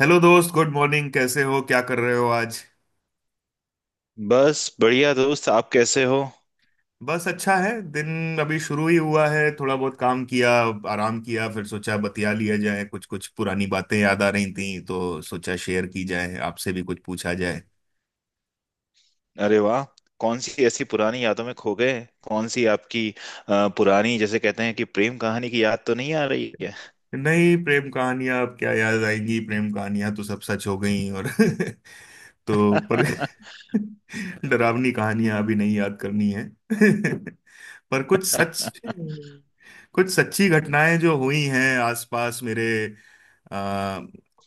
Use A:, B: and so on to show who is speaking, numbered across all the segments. A: Hello दोस्त, good morning. कैसे हो, क्या कर रहे हो आज?
B: बस बढ़िया दोस्त। आप कैसे हो?
A: बस अच्छा है, दिन अभी शुरू ही हुआ है। थोड़ा बहुत काम किया, आराम किया, फिर सोचा बतिया लिया जाए। कुछ कुछ पुरानी बातें याद आ रही थी तो सोचा शेयर की जाए, आपसे भी कुछ पूछा जाए।
B: अरे वाह। कौन सी ऐसी पुरानी यादों में खो गए? कौन सी आपकी पुरानी, जैसे कहते हैं, कि प्रेम कहानी की याद तो नहीं आ रही है?
A: नहीं, प्रेम कहानियां अब क्या याद आएंगी। प्रेम कहानियां तो सब सच हो गई और तो पर डरावनी कहानियां अभी नहीं याद करनी है। पर कुछ सच, कुछ सच्ची घटनाएं जो हुई हैं आसपास मेरे, आ,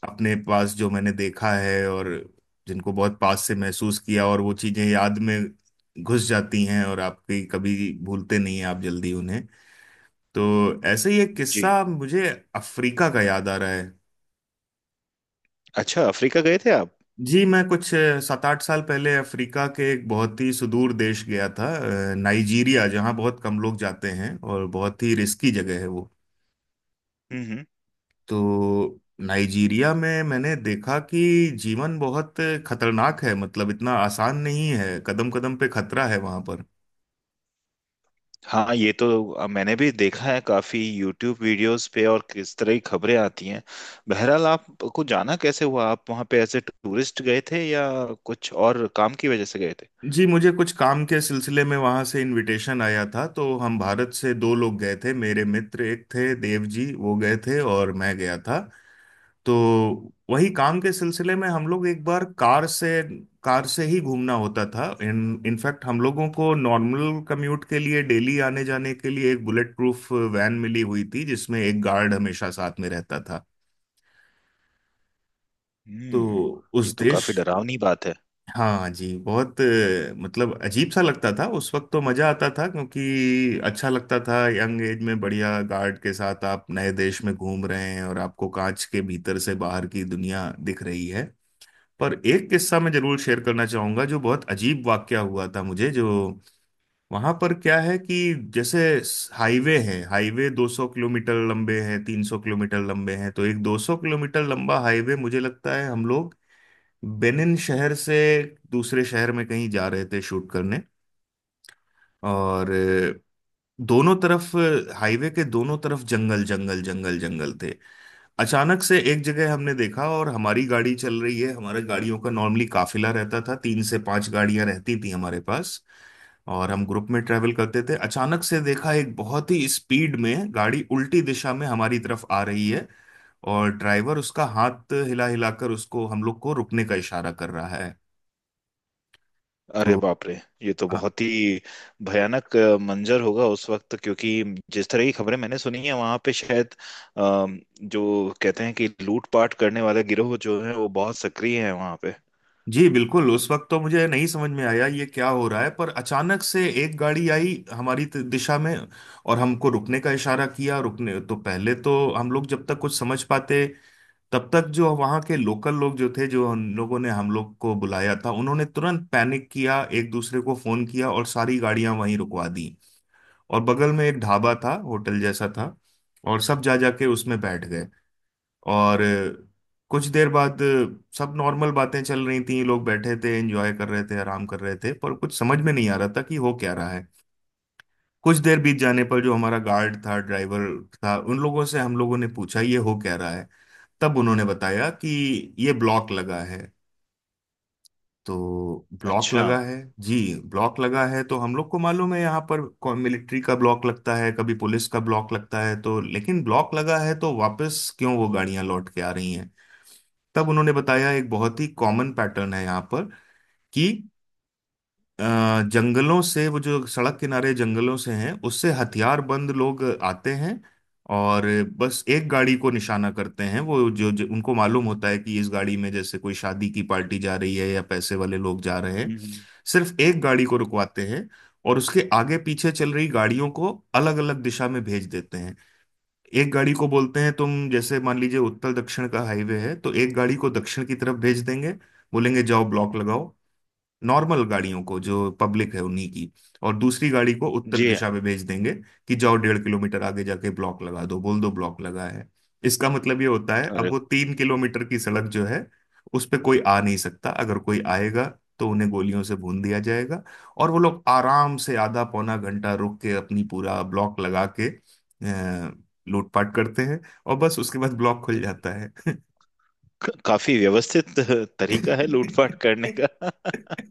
A: अपने पास, जो मैंने देखा है और जिनको बहुत पास से महसूस किया, और वो चीजें याद में घुस जाती हैं और आपकी कभी भूलते नहीं हैं आप जल्दी उन्हें। तो ऐसे ही एक
B: जी।
A: किस्सा मुझे अफ्रीका का याद आ रहा है।
B: अच्छा, अफ्रीका गए थे आप?
A: जी, मैं कुछ 7 8 साल पहले अफ्रीका के एक बहुत ही सुदूर देश गया था। नाइजीरिया, जहाँ बहुत कम लोग जाते हैं और बहुत ही रिस्की जगह है वो।
B: हम्म,
A: तो नाइजीरिया में मैंने देखा कि जीवन बहुत खतरनाक है, मतलब इतना आसान नहीं है, कदम कदम पे खतरा है वहां पर।
B: हाँ, ये तो मैंने भी देखा है काफी यूट्यूब वीडियोस पे, और किस तरह की खबरें आती हैं। बहरहाल, आपको जाना कैसे हुआ? आप वहाँ पे ऐसे टूरिस्ट गए थे, या कुछ और काम की वजह से गए थे?
A: जी, मुझे कुछ काम के सिलसिले में वहां से इनविटेशन आया था, तो हम भारत से दो लोग गए थे, मेरे मित्र एक थे देव जी, वो गए थे और मैं गया था। तो वही काम के सिलसिले में हम लोग एक बार कार से ही घूमना होता था। इन इनफैक्ट हम लोगों को नॉर्मल कम्यूट के लिए, डेली आने जाने के लिए एक बुलेट प्रूफ वैन मिली हुई थी जिसमें एक गार्ड हमेशा साथ में रहता था। तो
B: हम्म। ये
A: उस
B: तो
A: देश।
B: काफी डरावनी बात है।
A: हाँ जी, बहुत मतलब अजीब सा लगता था। उस वक्त तो मजा आता था क्योंकि अच्छा लगता था, यंग एज में बढ़िया गार्ड के साथ आप नए देश में घूम रहे हैं और आपको कांच के भीतर से बाहर की दुनिया दिख रही है। पर एक किस्सा मैं जरूर शेयर करना चाहूंगा, जो बहुत अजीब वाकया हुआ था मुझे, जो वहां पर क्या है कि जैसे हाईवे है। हाईवे 200 किलोमीटर लंबे हैं, 300 किलोमीटर लंबे हैं। तो एक 200 किलोमीटर लंबा हाईवे, मुझे लगता है हम लोग बेनिन शहर से दूसरे शहर में कहीं जा रहे थे शूट करने। और दोनों तरफ, हाईवे के दोनों तरफ जंगल जंगल जंगल जंगल थे। अचानक से एक जगह हमने देखा, और हमारी गाड़ी चल रही है, हमारे गाड़ियों का नॉर्मली काफिला रहता था, 3 से 5 गाड़ियां रहती थी हमारे पास और हम ग्रुप में ट्रेवल करते थे, अचानक से देखा एक बहुत ही स्पीड में गाड़ी उल्टी दिशा में हमारी तरफ आ रही है, और ड्राइवर उसका हाथ हिला हिलाकर उसको, हम लोग को रुकने का इशारा कर रहा है।
B: अरे
A: तो
B: बाप रे। ये तो बहुत ही भयानक मंजर होगा उस वक्त, क्योंकि जिस तरह की खबरें मैंने सुनी है वहां पे, शायद अ, जो कहते हैं, कि लूटपाट करने वाले गिरोह जो है, वो बहुत सक्रिय है वहां पे।
A: जी बिल्कुल, उस वक्त तो मुझे नहीं समझ में आया ये क्या हो रहा है। पर अचानक से एक गाड़ी आई हमारी दिशा में और हमको रुकने का इशारा किया। रुकने तो, पहले तो हम लोग जब तक कुछ समझ पाते, तब तक जो वहाँ के लोकल लोग जो थे, जो उन लोगों ने हम लोग को बुलाया था, उन्होंने तुरंत पैनिक किया, एक दूसरे को फोन किया और सारी गाड़ियां वहीं रुकवा दी। और बगल में एक ढाबा था, होटल जैसा था। और सब जा जाके उसमें बैठ गए। और कुछ देर बाद सब नॉर्मल बातें चल रही थी, लोग बैठे थे, एंजॉय कर रहे थे, आराम कर रहे थे, पर कुछ समझ में नहीं आ रहा था कि हो क्या रहा है। कुछ देर बीत जाने पर जो हमारा गार्ड था, ड्राइवर था, उन लोगों से हम लोगों ने पूछा ये हो क्या रहा है। तब उन्होंने बताया कि ये ब्लॉक लगा है, तो ब्लॉक
B: अच्छा।
A: लगा है। जी। ब्लॉक लगा है तो हम लोग को मालूम है, यहाँ पर कौन मिलिट्री का ब्लॉक लगता है, कभी पुलिस का ब्लॉक लगता है, तो लेकिन ब्लॉक लगा है तो वापस क्यों वो गाड़ियां लौट के आ रही हैं। तब उन्होंने बताया एक बहुत ही कॉमन पैटर्न है यहाँ पर कि अ, जंगलों से, वो जो सड़क किनारे जंगलों से हैं, उससे हथियारबंद लोग आते हैं और बस एक गाड़ी को निशाना करते हैं, वो जो उनको मालूम होता है कि इस गाड़ी में जैसे कोई शादी की पार्टी जा रही है या पैसे वाले लोग जा रहे हैं।
B: हम्म,
A: सिर्फ एक गाड़ी को रुकवाते हैं, और उसके आगे पीछे चल रही गाड़ियों को अलग अलग दिशा में भेज देते हैं। एक गाड़ी को बोलते हैं तुम, जैसे मान लीजिए उत्तर दक्षिण का हाईवे है तो एक गाड़ी को दक्षिण की तरफ भेज देंगे, बोलेंगे जाओ ब्लॉक लगाओ, नॉर्मल गाड़ियों को जो पब्लिक है उन्हीं की। और दूसरी गाड़ी को उत्तर
B: जी।
A: दिशा में भेज देंगे कि जाओ 1.5 किलोमीटर आगे जाके ब्लॉक लगा दो, बोल दो ब्लॉक लगा है। इसका मतलब ये होता है, अब
B: अरे।
A: वो 3 किलोमीटर की सड़क जो है, उस पे कोई आ नहीं सकता। अगर कोई आएगा तो उन्हें गोलियों से भून दिया जाएगा। और वो लोग आराम से आधा पौना घंटा रुक के अपनी पूरा ब्लॉक लगा के, लूटपाट करते हैं। और बस उसके बाद ब्लॉक
B: तो
A: खुल जाता है।
B: काफी व्यवस्थित
A: जी।
B: तरीका है लूटपाट करने का।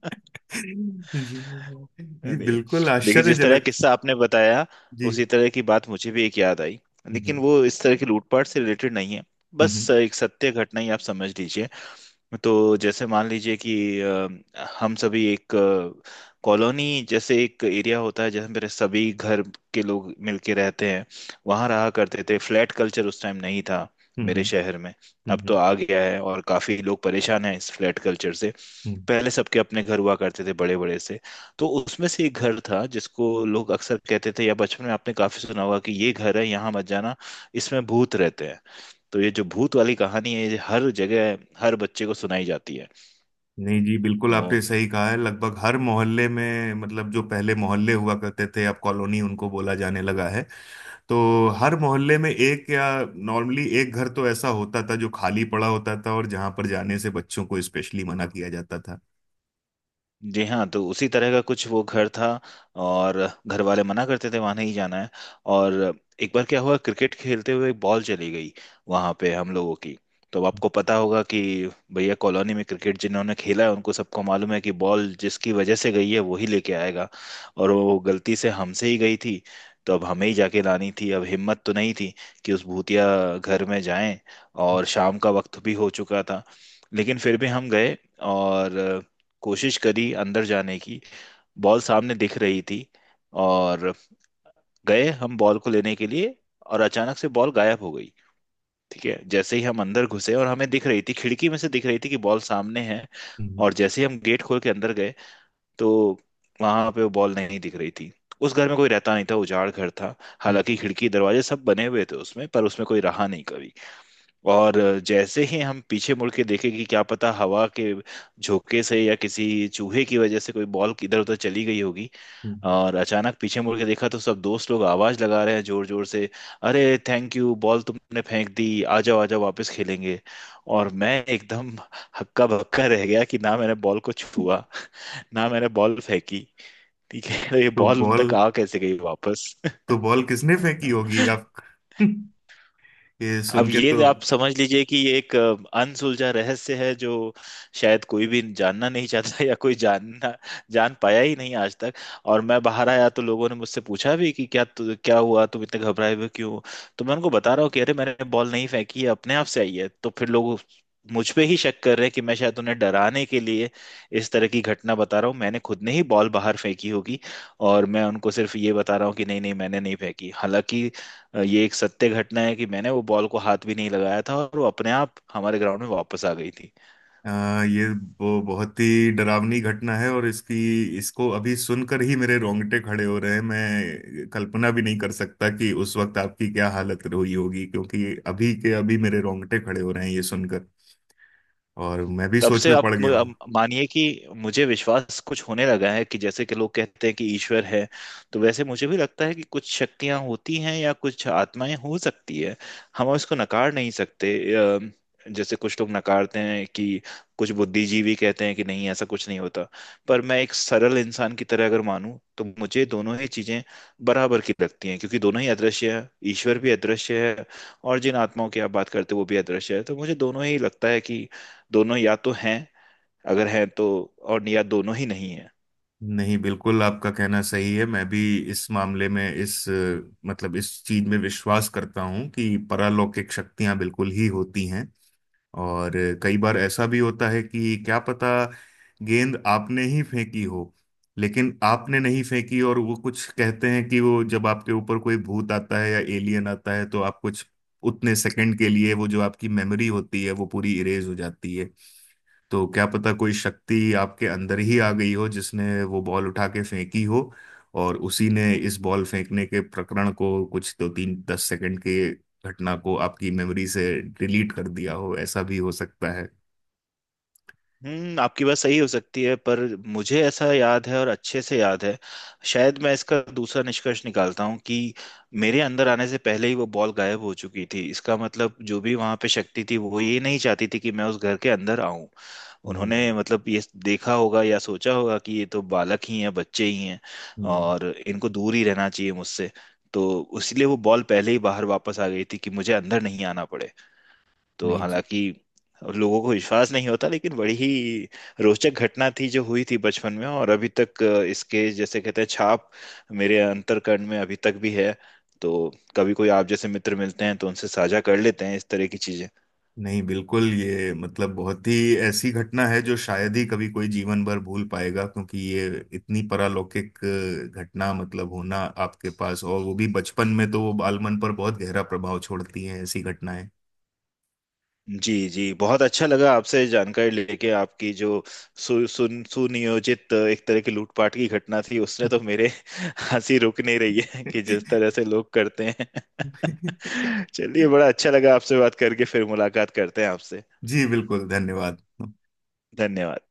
A: जी
B: अरे,
A: बिल्कुल
B: देखिए जिस तरह
A: आश्चर्यजनक।
B: किस्सा आपने बताया,
A: जी।
B: उसी तरह की बात मुझे भी एक याद आई। लेकिन
A: हम्म।
B: वो इस तरह की लूटपाट से रिलेटेड नहीं है। बस
A: हम्म।
B: एक सत्य घटना ही आप समझ लीजिए। तो जैसे मान लीजिए कि हम सभी एक कॉलोनी जैसे एक एरिया होता है, जहाँ मेरे सभी घर के लोग मिलके रहते हैं। वहाँ रहा करते थे। फ्लैट कल्चर उस टाइम नहीं था मेरे
A: हम्म।
B: शहर में। अब
A: हम्म।
B: तो आ गया है, और काफी लोग परेशान हैं इस फ्लैट कल्चर से।
A: हम्म।
B: पहले सबके अपने घर हुआ करते थे, बड़े बड़े से। तो उसमें से एक घर था जिसको लोग अक्सर कहते थे, या बचपन में आपने काफी सुना होगा, कि ये घर है, यहाँ मत जाना, इसमें भूत रहते हैं। तो ये जो भूत वाली कहानी है, ये हर जगह, हर बच्चे को सुनाई जाती है।
A: नहीं जी, बिल्कुल
B: तो
A: आपने सही कहा है। लगभग हर मोहल्ले में, मतलब जो पहले मोहल्ले हुआ करते थे अब कॉलोनी उनको बोला जाने लगा है, तो हर मोहल्ले में एक, या नॉर्मली एक घर तो ऐसा होता था जो खाली पड़ा होता था और जहां पर जाने से बच्चों को स्पेशली मना किया जाता था।
B: जी हाँ, तो उसी तरह का कुछ वो घर था। और घर वाले मना करते थे, वहां नहीं जाना है। और एक बार क्या हुआ, क्रिकेट खेलते हुए एक बॉल चली गई वहां पे हम लोगों की। तो अब आपको पता होगा कि भैया, कॉलोनी में क्रिकेट जिन्होंने खेला है, उनको सबको मालूम है कि बॉल जिसकी वजह से गई है, वही लेके आएगा। और वो गलती से हमसे ही गई थी। तो अब हमें ही जाके लानी थी। अब हिम्मत तो नहीं थी कि उस भूतिया घर में जाएं। और शाम का वक्त भी हो चुका था। लेकिन फिर भी हम गए, और कोशिश करी अंदर जाने की। बॉल सामने दिख रही थी। और गए हम बॉल को लेने के लिए, और अचानक से बॉल गायब हो गई। ठीक है, जैसे ही हम अंदर घुसे, और हमें दिख रही थी, खिड़की में से दिख रही थी कि बॉल सामने है।
A: हम्म।
B: और जैसे ही हम गेट खोल के अंदर गए, तो वहां पे वो बॉल नहीं दिख रही थी। उस घर में कोई रहता नहीं था, उजाड़ घर था।
A: हम्म।
B: हालांकि खिड़की दरवाजे सब बने हुए थे उसमें, पर उसमें कोई रहा नहीं कभी। और जैसे ही हम पीछे मुड़ के देखें कि क्या पता हवा के झोंके से या किसी चूहे की वजह से कोई बॉल इधर उधर चली गई होगी।
A: हम्म।
B: और अचानक पीछे मुड़ के देखा तो सब दोस्त लोग आवाज लगा रहे हैं जोर जोर से, अरे, थैंक यू, बॉल तुमने फेंक दी, आ जाओ आ जाओ, वापस खेलेंगे। और मैं एकदम हक्का बक्का रह गया कि ना मैंने बॉल को छुआ, ना मैंने बॉल फेंकी। ठीक है, ये
A: तो
B: बॉल उन तक
A: बॉल
B: आ कैसे गई वापस?
A: तो बॉल किसने फेंकी होगी आप? ये सुन
B: अब
A: के
B: ये
A: तो।
B: आप समझ लीजिए कि ये एक अनसुलझा रहस्य है, जो शायद कोई भी जानना नहीं चाहता, या कोई जान पाया ही नहीं आज तक। और मैं बाहर आया तो लोगों ने मुझसे पूछा भी कि क्या हुआ, तुम इतने घबराए हुए क्यों हो? तो मैं उनको बता रहा हूँ कि अरे, मैंने बॉल नहीं फेंकी है, अपने आप से आई है। तो फिर लोग मुझ पे ही शक कर रहे हैं कि मैं शायद उन्हें डराने के लिए इस तरह की घटना बता रहा हूँ, मैंने खुद ने ही बॉल बाहर फेंकी होगी। और मैं उनको सिर्फ ये बता रहा हूँ कि नहीं नहीं, मैंने नहीं फेंकी। हालांकि ये एक सत्य घटना है कि मैंने वो बॉल को हाथ भी नहीं लगाया था, और वो अपने आप हमारे ग्राउंड में वापस आ गई थी।
A: ये, वो बहुत ही डरावनी घटना है। और इसकी इसको अभी सुनकर ही मेरे रोंगटे खड़े हो रहे हैं। मैं कल्पना भी नहीं कर सकता कि उस वक्त आपकी क्या हालत हुई होगी, क्योंकि अभी के अभी मेरे रोंगटे खड़े हो रहे हैं ये सुनकर। और मैं भी
B: तब
A: सोच
B: से
A: में पड़ गया हूँ।
B: आप मानिए कि मुझे विश्वास कुछ होने लगा है कि जैसे कि लोग कहते हैं कि ईश्वर है, तो वैसे मुझे भी लगता है कि कुछ शक्तियां होती हैं या कुछ आत्माएं हो सकती है। हम उसको नकार नहीं सकते। जैसे कुछ लोग नकारते हैं कि, कुछ बुद्धिजीवी कहते हैं कि नहीं ऐसा कुछ नहीं होता। पर मैं एक सरल इंसान की तरह अगर मानूं, तो मुझे दोनों ही चीजें बराबर की लगती हैं, क्योंकि दोनों ही अदृश्य है। ईश्वर भी अदृश्य है, और जिन आत्माओं की आप बात करते हो वो भी अदृश्य है। तो मुझे दोनों ही लगता है कि दोनों या तो हैं, अगर हैं तो, और या दोनों ही नहीं है।
A: नहीं, बिल्कुल आपका कहना सही है। मैं भी इस मामले में, इस मतलब इस चीज में विश्वास करता हूँ कि परालौकिक शक्तियां बिल्कुल ही होती हैं। और कई बार ऐसा भी होता है कि क्या पता गेंद आपने ही फेंकी हो, लेकिन आपने नहीं फेंकी। और वो, कुछ कहते हैं कि वो जब आपके ऊपर कोई भूत आता है या एलियन आता है तो आप कुछ उतने सेकंड के लिए, वो जो आपकी मेमोरी होती है वो पूरी इरेज हो जाती है। तो क्या पता कोई शक्ति आपके अंदर ही आ गई हो जिसने वो बॉल उठा के फेंकी हो, और उसी ने इस बॉल फेंकने के प्रकरण को, कुछ दो तीन दस सेकंड के घटना को, आपकी मेमोरी से डिलीट कर दिया हो। ऐसा भी हो सकता है।
B: आपकी बात सही हो सकती है, पर मुझे ऐसा याद है, और अच्छे से याद है। शायद मैं इसका दूसरा निष्कर्ष निकालता हूँ कि मेरे अंदर आने से पहले ही वो बॉल गायब हो चुकी थी। इसका मतलब जो भी वहां पे शक्ति थी, वो ये नहीं चाहती थी कि मैं उस घर के अंदर आऊं।
A: हम्म।
B: उन्होंने, मतलब, ये देखा होगा या सोचा होगा कि ये तो बालक ही हैं, बच्चे ही हैं।
A: हम्म।
B: और इनको दूर ही रहना चाहिए मुझसे। तो इसलिए वो बॉल पहले ही बाहर वापस आ गई थी, कि मुझे अंदर नहीं आना पड़े। तो
A: नहीं जी।
B: हालांकि लोगों को विश्वास नहीं होता, लेकिन बड़ी ही रोचक घटना थी जो हुई थी बचपन में, और अभी तक इसके, जैसे कहते हैं, छाप मेरे अंतर्कण में अभी तक भी है। तो कभी कोई आप जैसे मित्र मिलते हैं, तो उनसे साझा कर लेते हैं इस तरह की चीजें।
A: नहीं, बिल्कुल, ये मतलब बहुत ही ऐसी घटना है जो शायद ही कभी कोई जीवन भर भूल पाएगा। क्योंकि ये इतनी पारलौकिक घटना, मतलब होना आपके पास, और वो भी बचपन में, तो वो बालमन पर बहुत गहरा प्रभाव छोड़ती हैं ऐसी घटनाएं।
B: जी जी, बहुत अच्छा लगा आपसे जानकारी लेके। आपकी जो सु, सुन सुनियोजित एक तरह की लूटपाट की घटना थी, उसने तो मेरे हंसी रुक नहीं रही है कि जिस तरह से लोग करते हैं। चलिए, बड़ा अच्छा लगा आपसे बात करके, फिर मुलाकात करते हैं आपसे।
A: जी बिल्कुल, धन्यवाद।
B: धन्यवाद।